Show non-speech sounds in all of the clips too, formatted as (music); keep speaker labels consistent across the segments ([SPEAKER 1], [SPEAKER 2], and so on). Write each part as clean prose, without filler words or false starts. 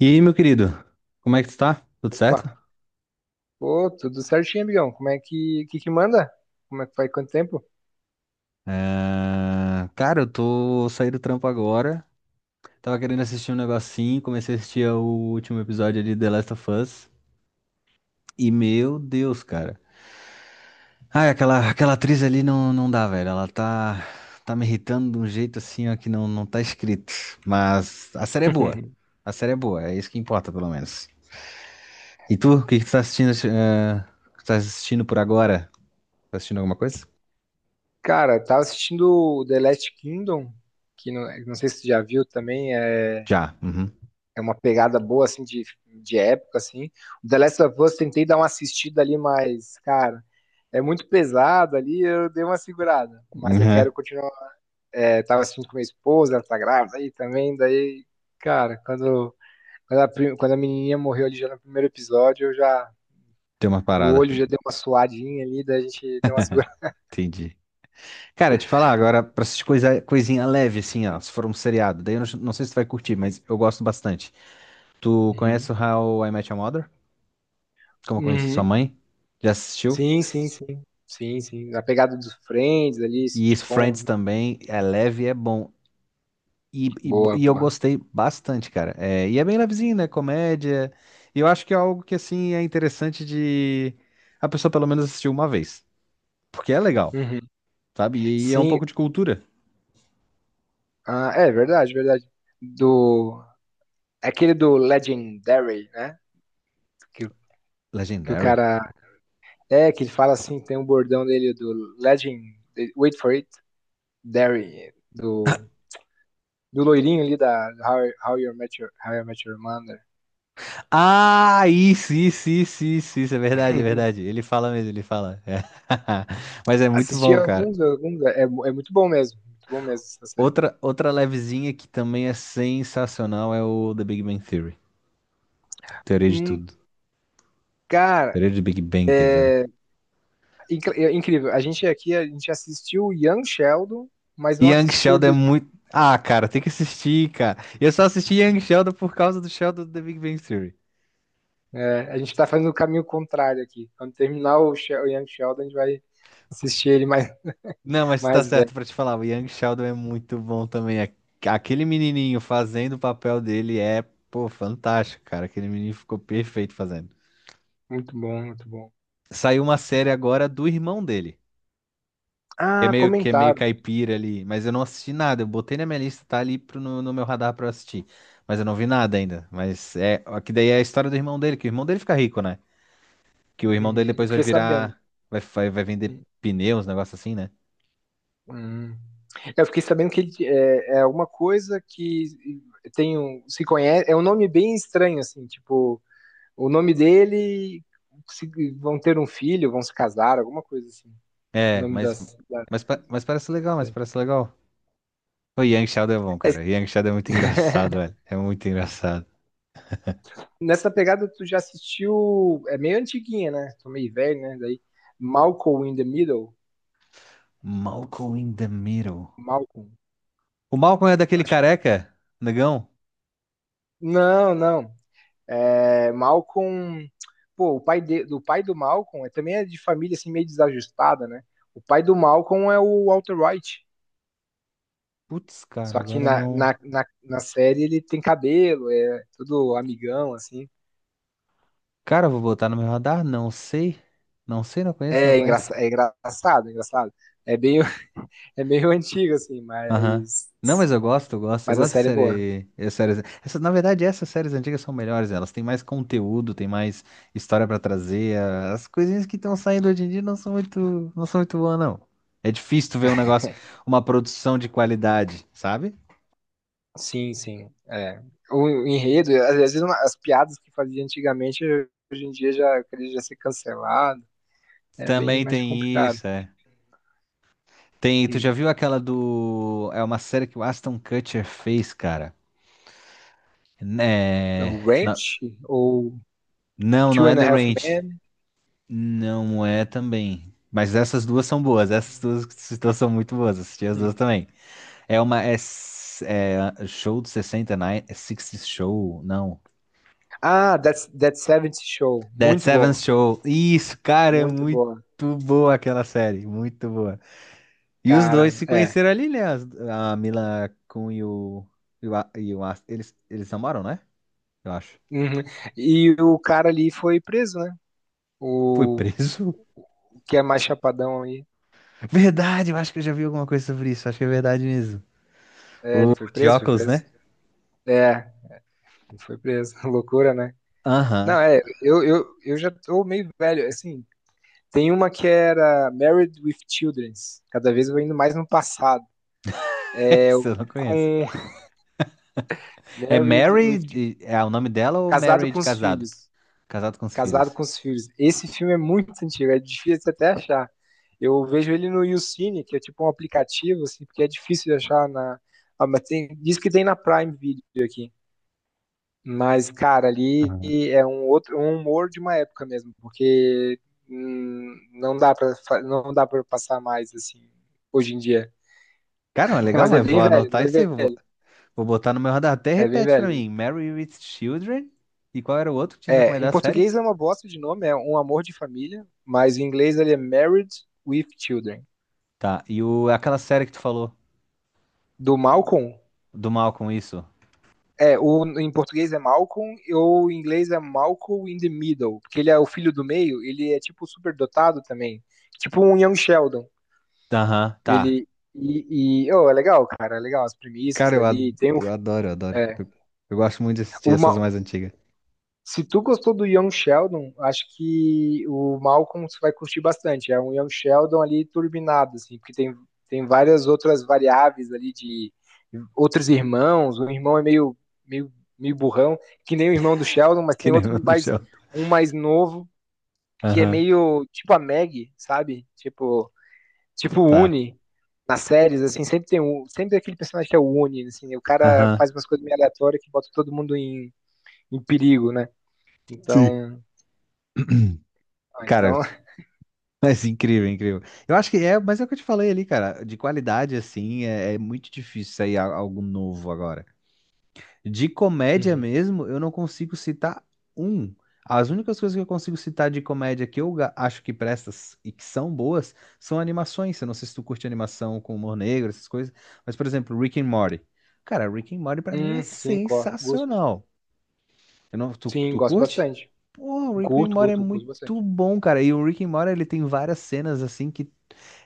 [SPEAKER 1] E aí, meu querido, como é que tu tá? Tudo
[SPEAKER 2] Opa,
[SPEAKER 1] certo?
[SPEAKER 2] pô, tudo certinho, amigão. Como é que manda? Como é que faz quanto tempo?
[SPEAKER 1] Ah, cara, eu tô saindo do trampo agora. Tava querendo assistir um negocinho, comecei a assistir o último episódio ali de The Last of Us. E meu Deus, cara. Ai, aquela atriz ali não dá, velho. Ela tá me irritando de um jeito assim, ó, que não tá escrito. Mas a série é boa.
[SPEAKER 2] (laughs)
[SPEAKER 1] A série é boa, é isso que importa, pelo menos. E tu, o que que tu tá assistindo, eh, que tu tá assistindo por agora? Tá assistindo alguma coisa?
[SPEAKER 2] Cara, eu tava assistindo o The Last Kingdom, que não sei se tu já viu também, é,
[SPEAKER 1] Já. Uhum.
[SPEAKER 2] é uma pegada boa, assim, de época, assim. O The Last of Us, tentei dar uma assistida ali, mas, cara, é muito pesado ali, eu dei uma segurada. Mas eu
[SPEAKER 1] Uhum.
[SPEAKER 2] quero continuar. É, tava assistindo com minha esposa, ela tá grávida aí também, daí, cara, quando a menininha morreu ali já no primeiro episódio, eu já
[SPEAKER 1] Tem uma
[SPEAKER 2] o
[SPEAKER 1] parada.
[SPEAKER 2] olho já deu uma suadinha ali, daí a gente deu uma (laughs) segurada.
[SPEAKER 1] Entendi. Cara, te falar agora, pra essas coisinha leve, assim, ó, se for um seriado, daí eu não sei se tu vai curtir, mas eu gosto bastante. Tu
[SPEAKER 2] Uhum.
[SPEAKER 1] conhece o How I Met Your Mother? Como eu conheci sua
[SPEAKER 2] Uhum.
[SPEAKER 1] mãe? Já assistiu?
[SPEAKER 2] Sim, sim, sim. Sim, sim. A pegada dos Friends ali,
[SPEAKER 1] E isso,
[SPEAKER 2] sitcom,
[SPEAKER 1] Friends
[SPEAKER 2] né?
[SPEAKER 1] também, é leve e é bom. E, e, bo-
[SPEAKER 2] Boa,
[SPEAKER 1] e eu
[SPEAKER 2] boa.
[SPEAKER 1] gostei bastante, cara. É, e é bem levezinho, né? Comédia. E eu acho que é algo que, assim, é interessante de a pessoa pelo menos assistir uma vez. Porque é legal,
[SPEAKER 2] Uhum.
[SPEAKER 1] sabe? E é um
[SPEAKER 2] Sim,
[SPEAKER 1] pouco de cultura.
[SPEAKER 2] ah, é verdade, verdade. Do. É aquele do Legendary, né? Que, o- que o
[SPEAKER 1] Legendary.
[SPEAKER 2] cara. É, que ele fala assim, tem um bordão dele do Legend. Wait for it, Dairy. Do loirinho ali da How You Met Your Mother.
[SPEAKER 1] Ah, isso, é verdade, é verdade. Ele fala mesmo, ele fala. É. (laughs) Mas é muito
[SPEAKER 2] Assisti
[SPEAKER 1] bom, cara.
[SPEAKER 2] alguns, alguns é, é muito bom mesmo essa série.
[SPEAKER 1] Outra levezinha que também é sensacional é o The Big Bang Theory. Teoria de
[SPEAKER 2] Hum,
[SPEAKER 1] tudo.
[SPEAKER 2] cara,
[SPEAKER 1] Teoria de Big Bang, quer dizer, né?
[SPEAKER 2] é, é incrível. A gente aqui, a gente assistiu Young Sheldon, mas não
[SPEAKER 1] Young
[SPEAKER 2] assistiu
[SPEAKER 1] Sheldon é
[SPEAKER 2] de,
[SPEAKER 1] muito. Ah, cara, tem que assistir, cara. Eu só assisti Young Sheldon por causa do Sheldon do The Big Bang Theory.
[SPEAKER 2] é, a gente tá fazendo o caminho contrário aqui. Quando terminar o, o Young Sheldon, a gente vai assistir ele mais,
[SPEAKER 1] Não, mas tá
[SPEAKER 2] mais velho.
[SPEAKER 1] certo pra te falar, o Young Sheldon é muito bom também. Aquele menininho fazendo o papel dele é, pô, fantástico, cara. Aquele menino ficou perfeito fazendo.
[SPEAKER 2] Muito bom, muito bom.
[SPEAKER 1] Saiu uma série agora do irmão dele, que é
[SPEAKER 2] Ah,
[SPEAKER 1] meio que é meio
[SPEAKER 2] comentaram.
[SPEAKER 1] caipira ali, mas eu não assisti nada. Eu botei na minha lista, tá ali no meu radar pra eu assistir, mas eu não vi nada ainda. Mas é, ó, que daí é a história do irmão dele, que o irmão dele fica rico, né? Que o irmão
[SPEAKER 2] Uhum,
[SPEAKER 1] dele
[SPEAKER 2] eu
[SPEAKER 1] depois vai
[SPEAKER 2] fiquei sabendo.
[SPEAKER 1] virar, vai vender pneus, um negócio assim, né?
[SPEAKER 2] Hum. Eu fiquei sabendo que ele é alguma coisa que tem um, se conhece, é um nome bem estranho, assim, tipo, o nome dele. se- Vão ter um filho, vão se casar, alguma coisa assim. O
[SPEAKER 1] É,
[SPEAKER 2] nome
[SPEAKER 1] mas,
[SPEAKER 2] das. Da
[SPEAKER 1] mas, pa- mas parece legal, mas
[SPEAKER 2] série.
[SPEAKER 1] parece legal. O Yang Shadow é bom, cara. Yang Shadow é muito engraçado,
[SPEAKER 2] (laughs)
[SPEAKER 1] velho. É muito engraçado.
[SPEAKER 2] Nessa pegada, tu já assistiu. É meio antiguinha, né? Tô meio velho, né? Daí. Malcolm in the Middle.
[SPEAKER 1] Malcolm in the Middle.
[SPEAKER 2] Malcolm.
[SPEAKER 1] O Malcolm é
[SPEAKER 2] Eu
[SPEAKER 1] daquele
[SPEAKER 2] acho que.
[SPEAKER 1] careca, negão?
[SPEAKER 2] Não, não. É, Malcolm. Pô, o pai, do pai do Malcolm é, também é de família assim, meio desajustada, né? O pai do Malcolm é o Walter White.
[SPEAKER 1] Putz, cara,
[SPEAKER 2] Só que
[SPEAKER 1] agora
[SPEAKER 2] na,
[SPEAKER 1] não.
[SPEAKER 2] na, na, na série ele tem cabelo, é todo amigão, assim.
[SPEAKER 1] Cara, eu vou botar no meu radar? Não sei. Não sei, não conheço, não conheço.
[SPEAKER 2] É engraçado, é engraçado. É meio, (laughs) é meio antigo, assim,
[SPEAKER 1] Aham. Não, mas eu gosto, eu gosto. Eu
[SPEAKER 2] mas a
[SPEAKER 1] gosto de
[SPEAKER 2] série é boa.
[SPEAKER 1] séries. Na verdade, essas séries antigas são melhores. Elas têm mais conteúdo, têm mais história pra trazer. As coisinhas que estão saindo hoje em dia não são muito boas, não. É difícil tu ver um negócio, uma produção de qualidade, sabe?
[SPEAKER 2] Sim, sim. É. O enredo, às vezes as piadas que fazia antigamente, hoje em dia já queria já ser cancelado. É bem
[SPEAKER 1] Também
[SPEAKER 2] mais
[SPEAKER 1] tem
[SPEAKER 2] complicado.
[SPEAKER 1] isso, é. Tem, tu já
[SPEAKER 2] Hum.
[SPEAKER 1] viu aquela do. É uma série que o Aston Kutcher fez, cara.
[SPEAKER 2] O
[SPEAKER 1] É... na-
[SPEAKER 2] Ranch ou
[SPEAKER 1] não,
[SPEAKER 2] Two
[SPEAKER 1] é
[SPEAKER 2] and a
[SPEAKER 1] The
[SPEAKER 2] Half
[SPEAKER 1] Ranch.
[SPEAKER 2] Men.
[SPEAKER 1] Não é também. Mas essas duas são boas. Essas duas situações são muito boas. Assisti as
[SPEAKER 2] Hum.
[SPEAKER 1] duas também. É uma. É show do 69. É 60 Show? Não.
[SPEAKER 2] Ah, That's, That 70 Show.
[SPEAKER 1] That
[SPEAKER 2] Muito
[SPEAKER 1] Seventh
[SPEAKER 2] bom.
[SPEAKER 1] Show. Isso, cara, é
[SPEAKER 2] Muito
[SPEAKER 1] muito
[SPEAKER 2] boa.
[SPEAKER 1] boa aquela série. Muito boa. E os dois
[SPEAKER 2] Cara,
[SPEAKER 1] se
[SPEAKER 2] é.
[SPEAKER 1] conheceram ali, né? A Mila Kun e o. Eles namoram, né? Eu acho.
[SPEAKER 2] Uhum. E o cara ali foi preso, né?
[SPEAKER 1] Foi
[SPEAKER 2] O
[SPEAKER 1] preso?
[SPEAKER 2] que é mais chapadão aí.
[SPEAKER 1] (laughs) Verdade, eu acho que eu já vi alguma coisa sobre isso. Acho que é verdade mesmo.
[SPEAKER 2] É,
[SPEAKER 1] O
[SPEAKER 2] ele foi
[SPEAKER 1] de
[SPEAKER 2] preso, foi
[SPEAKER 1] óculos,
[SPEAKER 2] preso.
[SPEAKER 1] né?
[SPEAKER 2] É, ele foi preso. (laughs) Loucura, né?
[SPEAKER 1] Aham.
[SPEAKER 2] Não, é, eu já tô meio velho, assim, tem uma que era Married with Children. Cada vez eu vou indo mais no passado.
[SPEAKER 1] (laughs)
[SPEAKER 2] É
[SPEAKER 1] Essa
[SPEAKER 2] eu
[SPEAKER 1] eu não conheço.
[SPEAKER 2] com (laughs)
[SPEAKER 1] É
[SPEAKER 2] Married
[SPEAKER 1] Mary,
[SPEAKER 2] with
[SPEAKER 1] de- é o nome dela ou
[SPEAKER 2] Casado
[SPEAKER 1] Mary
[SPEAKER 2] com
[SPEAKER 1] de
[SPEAKER 2] os
[SPEAKER 1] casado?
[SPEAKER 2] Filhos.
[SPEAKER 1] Casado com os
[SPEAKER 2] Casado
[SPEAKER 1] filhos.
[SPEAKER 2] com os Filhos. Esse filme é muito antigo, é difícil até achar. Eu vejo ele no YouCine, que é tipo um aplicativo, assim, porque é difícil de achar na. Ah, mas tem, diz que tem na Prime Video aqui. Mas, cara, ali
[SPEAKER 1] Aham.
[SPEAKER 2] é um outro, um humor de uma época mesmo, porque não dá para passar mais assim hoje em dia.
[SPEAKER 1] Cara, é
[SPEAKER 2] (laughs)
[SPEAKER 1] legal,
[SPEAKER 2] Mas é
[SPEAKER 1] mas vou
[SPEAKER 2] bem velho,
[SPEAKER 1] anotar
[SPEAKER 2] é
[SPEAKER 1] isso aí,
[SPEAKER 2] bem
[SPEAKER 1] vou,
[SPEAKER 2] velho,
[SPEAKER 1] vou botar no meu radar. Até
[SPEAKER 2] é bem
[SPEAKER 1] repete pra
[SPEAKER 2] velho.
[SPEAKER 1] mim, Mary with Children? E qual era o outro que tinha
[SPEAKER 2] É, em
[SPEAKER 1] recomendado a série?
[SPEAKER 2] português é uma bosta de nome, é Um Amor de Família, mas em inglês ele é Married with Children.
[SPEAKER 1] Tá, aquela série que tu falou,
[SPEAKER 2] Do Malcolm,
[SPEAKER 1] do mal com isso?
[SPEAKER 2] é, o, em português é Malcolm, ou em inglês é Malcolm in the Middle, porque ele é o filho do meio, ele é tipo superdotado também, tipo um Young Sheldon.
[SPEAKER 1] Aham, tá.
[SPEAKER 2] Ele. E oh, é legal, cara, é legal as
[SPEAKER 1] Cara,
[SPEAKER 2] premissas
[SPEAKER 1] eu,
[SPEAKER 2] ali.
[SPEAKER 1] ad-
[SPEAKER 2] Tem o,
[SPEAKER 1] eu adoro, eu adoro.
[SPEAKER 2] é,
[SPEAKER 1] Eu gosto muito de assistir essas
[SPEAKER 2] uma,
[SPEAKER 1] mais antigas,
[SPEAKER 2] se tu gostou do Young Sheldon, acho que o Malcolm você vai curtir bastante. É um Young Sheldon ali turbinado, assim, porque tem, tem várias outras variáveis ali de outros irmãos. O irmão é meio, meio, meio burrão, que nem o irmão do Sheldon,
[SPEAKER 1] (laughs)
[SPEAKER 2] mas
[SPEAKER 1] que
[SPEAKER 2] tem
[SPEAKER 1] nem
[SPEAKER 2] outro
[SPEAKER 1] o do
[SPEAKER 2] mais
[SPEAKER 1] Sheldon.
[SPEAKER 2] um mais novo que é
[SPEAKER 1] Aham,
[SPEAKER 2] meio tipo a Maggie, sabe? Tipo, tipo, o
[SPEAKER 1] tá.
[SPEAKER 2] Uni, nas séries, assim, sempre tem um, sempre tem aquele personagem que é o Uni, assim, o cara
[SPEAKER 1] Aham.
[SPEAKER 2] faz umas coisas meio aleatórias que bota todo mundo em, em perigo, né?
[SPEAKER 1] Sim.
[SPEAKER 2] Então, ah,
[SPEAKER 1] Cara,
[SPEAKER 2] então,
[SPEAKER 1] mas incrível, incrível. Eu acho que é, mas é o que eu te falei ali, cara. De qualidade, assim, é muito difícil sair algo novo agora. De
[SPEAKER 2] (laughs)
[SPEAKER 1] comédia
[SPEAKER 2] uhum.
[SPEAKER 1] mesmo, eu não consigo citar um. As únicas coisas que eu consigo citar de comédia que eu acho que prestas e que são boas são animações. Eu não sei se tu curte animação com humor negro, essas coisas. Mas, por exemplo, Rick and Morty. Cara, Rick and Morty pra mim é
[SPEAKER 2] Sim, gosto, gosto.
[SPEAKER 1] sensacional. Eu não, tu,
[SPEAKER 2] Sim,
[SPEAKER 1] tu
[SPEAKER 2] gosto
[SPEAKER 1] curte?
[SPEAKER 2] bastante.
[SPEAKER 1] Pô, o Rick and
[SPEAKER 2] Curto,
[SPEAKER 1] Morty é
[SPEAKER 2] curto, curto
[SPEAKER 1] muito
[SPEAKER 2] bastante.
[SPEAKER 1] bom, cara. E o Rick and Morty, ele tem várias cenas assim que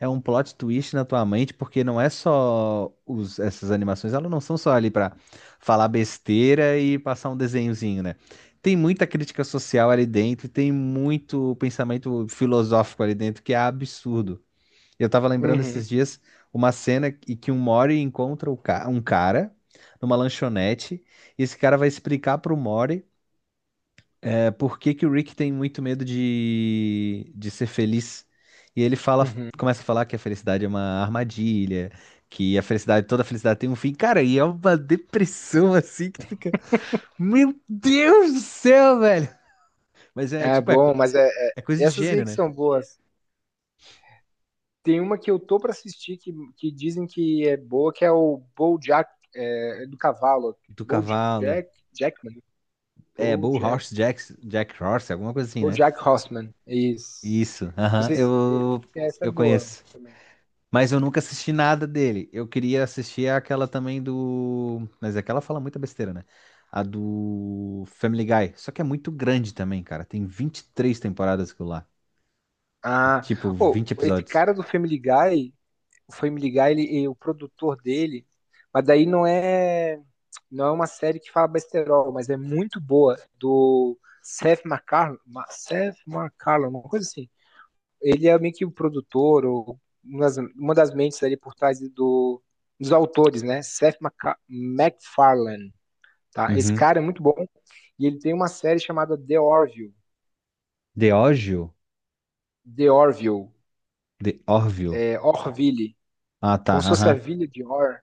[SPEAKER 1] é um plot twist na tua mente, porque não é só essas animações, elas não são só ali pra falar besteira e passar um desenhozinho, né? Tem muita crítica social ali dentro, e tem muito pensamento filosófico ali dentro, que é absurdo. Eu tava lembrando
[SPEAKER 2] Uhum,
[SPEAKER 1] esses dias uma cena em que um Mori encontra um cara numa lanchonete, e esse cara vai explicar pro Mori. É por que que o Rick tem muito medo de ser feliz? E ele fala,
[SPEAKER 2] uhum.
[SPEAKER 1] começa a falar que a felicidade é uma armadilha, que a felicidade, toda felicidade tem um fim. Cara, e é uma depressão assim que tu fica, meu Deus do céu, velho! Mas é
[SPEAKER 2] É
[SPEAKER 1] tipo, é, co-
[SPEAKER 2] bom,
[SPEAKER 1] é coisa de
[SPEAKER 2] essas aí
[SPEAKER 1] gênio,
[SPEAKER 2] que
[SPEAKER 1] né?
[SPEAKER 2] são boas. Tem uma que eu tô pra assistir que dizem que é boa, que é o BoJack, é, é do cavalo.
[SPEAKER 1] Do cavalo.
[SPEAKER 2] BoJack, Jackman.
[SPEAKER 1] É, Bull
[SPEAKER 2] BoJack
[SPEAKER 1] Horse Jack, Jack Horse, alguma coisa assim, né?
[SPEAKER 2] BoJack Horseman, isso.
[SPEAKER 1] Isso,
[SPEAKER 2] Não
[SPEAKER 1] aham,
[SPEAKER 2] sei se
[SPEAKER 1] eu,
[SPEAKER 2] essa é
[SPEAKER 1] eu
[SPEAKER 2] boa
[SPEAKER 1] conheço.
[SPEAKER 2] também.
[SPEAKER 1] Mas eu nunca assisti nada dele. Eu queria assistir aquela também do. Mas aquela fala muita besteira, né? A do Family Guy. Só que é muito grande também, cara. Tem 23 temporadas aquilo lá. E,
[SPEAKER 2] Ah,
[SPEAKER 1] tipo,
[SPEAKER 2] oh,
[SPEAKER 1] 20
[SPEAKER 2] esse
[SPEAKER 1] episódios.
[SPEAKER 2] cara do Family Guy, o Family Guy, ele, e o produtor dele, mas daí não é não é uma série que fala besterol, mas é muito boa do Seth MacFarlane, Seth MacFarlane, uma coisa assim. Ele é meio que o produtor ou uma das mentes ali por trás do, dos autores, né? MacFarlane. Tá? Esse
[SPEAKER 1] Uhum.
[SPEAKER 2] cara é muito bom e ele tem uma série chamada The Orville,
[SPEAKER 1] The Orville?
[SPEAKER 2] The Orville,
[SPEAKER 1] The Orville.
[SPEAKER 2] é, Orville,
[SPEAKER 1] Ah, tá.
[SPEAKER 2] como se fosse a
[SPEAKER 1] Aham.
[SPEAKER 2] Vila de Or.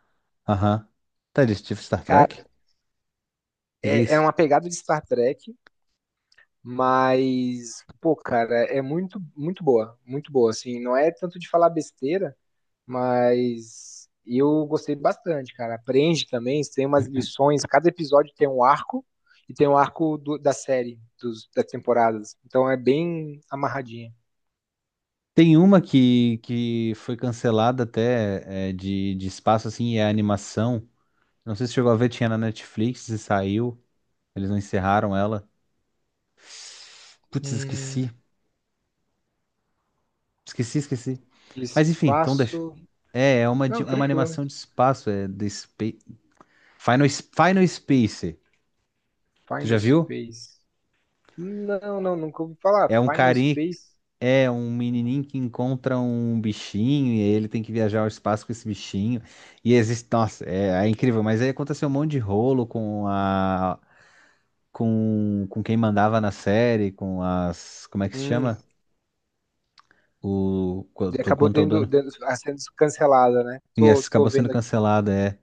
[SPEAKER 1] Aham. Tá, eles tipo Star Trek? O
[SPEAKER 2] Cara,
[SPEAKER 1] que que é
[SPEAKER 2] é, é
[SPEAKER 1] isso?
[SPEAKER 2] uma pegada de Star Trek, mas pô, cara, é muito muito boa, assim, não é tanto de falar besteira, mas eu gostei bastante, cara. Aprende também, tem umas lições, cada episódio tem um arco e tem um arco da série, dos, das temporadas. Então é bem amarradinha.
[SPEAKER 1] Tem uma que foi cancelada até é, de espaço, assim, e é animação. Não sei se chegou a ver, tinha na Netflix e saiu. Eles não encerraram ela. Putz, esqueci.
[SPEAKER 2] Hum,
[SPEAKER 1] Esqueci, esqueci. Mas enfim, então deixa.
[SPEAKER 2] espaço.
[SPEAKER 1] É, é uma, de-
[SPEAKER 2] Não,
[SPEAKER 1] é uma
[SPEAKER 2] tranquilo.
[SPEAKER 1] animação de espaço, é de Final Space. Tu já
[SPEAKER 2] Final
[SPEAKER 1] viu?
[SPEAKER 2] Space. Não, não, nunca ouvi falar.
[SPEAKER 1] É um
[SPEAKER 2] Final
[SPEAKER 1] carinha,
[SPEAKER 2] Space.
[SPEAKER 1] é um menininho que encontra um bichinho e ele tem que viajar ao espaço com esse bichinho. E existe, nossa, é incrível, mas aí aconteceu um monte de rolo com a com quem mandava na série, com as, como é que se
[SPEAKER 2] Hum,
[SPEAKER 1] chama? O quanto quanto ao dono.
[SPEAKER 2] ah, sendo cancelada, né?
[SPEAKER 1] E
[SPEAKER 2] Tô,
[SPEAKER 1] essa acabou
[SPEAKER 2] tô
[SPEAKER 1] sendo
[SPEAKER 2] vendo aqui um.
[SPEAKER 1] cancelada, é.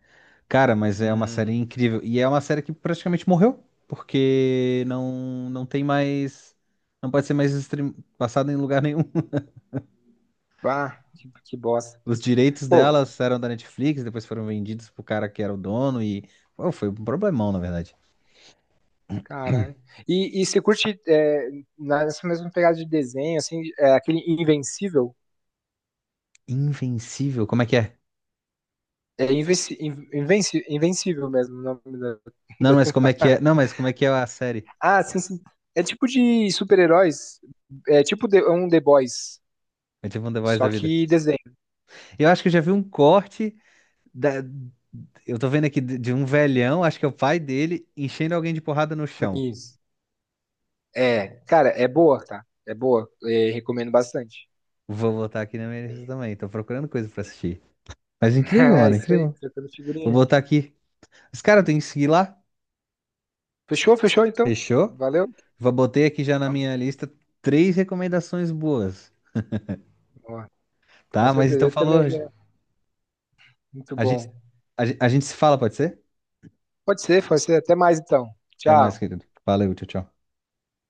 [SPEAKER 1] Cara, mas é uma série
[SPEAKER 2] Hum.
[SPEAKER 1] incrível. E é uma série que praticamente morreu, porque não tem mais. Não pode ser mais passada em lugar nenhum. (laughs)
[SPEAKER 2] Ah, que bosta.
[SPEAKER 1] Os direitos
[SPEAKER 2] Pô,
[SPEAKER 1] delas eram da Netflix, depois foram vendidos pro cara que era o dono e. Pô, foi um problemão, na verdade.
[SPEAKER 2] caralho. E você curte é, nessa mesma pegada de desenho, assim, é, aquele Invencível?
[SPEAKER 1] Invencível, como é que é?
[SPEAKER 2] É invenci, invenci, Invencível mesmo o nome da, (laughs)
[SPEAKER 1] Não,
[SPEAKER 2] da
[SPEAKER 1] mas como é que é?
[SPEAKER 2] temporada.
[SPEAKER 1] Não, mas como é que é a série?
[SPEAKER 2] Ah, sim, sim. É tipo de super-heróis. É tipo um The Boys,
[SPEAKER 1] É tipo um The Voice da
[SPEAKER 2] só
[SPEAKER 1] vida.
[SPEAKER 2] que desenho.
[SPEAKER 1] Eu acho que eu já vi um corte da. Eu tô vendo aqui de um velhão, acho que é o pai dele, enchendo alguém de porrada no chão.
[SPEAKER 2] Isso. É, cara, é boa, tá? É boa. É, recomendo bastante.
[SPEAKER 1] Vou botar aqui na minha lista
[SPEAKER 2] (laughs)
[SPEAKER 1] também. Tô procurando coisa pra assistir. Mas incrível,
[SPEAKER 2] É
[SPEAKER 1] mano,
[SPEAKER 2] isso aí,
[SPEAKER 1] incrível.
[SPEAKER 2] trocando
[SPEAKER 1] Vou
[SPEAKER 2] figurinha.
[SPEAKER 1] botar aqui. Os caras têm que seguir lá.
[SPEAKER 2] Fechou, fechou então?
[SPEAKER 1] Fechou?
[SPEAKER 2] Valeu?
[SPEAKER 1] Vou botei aqui já na minha lista três recomendações boas.
[SPEAKER 2] Ó, com
[SPEAKER 1] Tá? Mas
[SPEAKER 2] certeza,
[SPEAKER 1] então
[SPEAKER 2] eu
[SPEAKER 1] falou.
[SPEAKER 2] também já. Muito
[SPEAKER 1] A gente,
[SPEAKER 2] bom.
[SPEAKER 1] a gente se fala, pode ser?
[SPEAKER 2] Pode ser, pode ser. Até mais então.
[SPEAKER 1] Até
[SPEAKER 2] Tchau.
[SPEAKER 1] mais, querido. Valeu, tchau, tchau.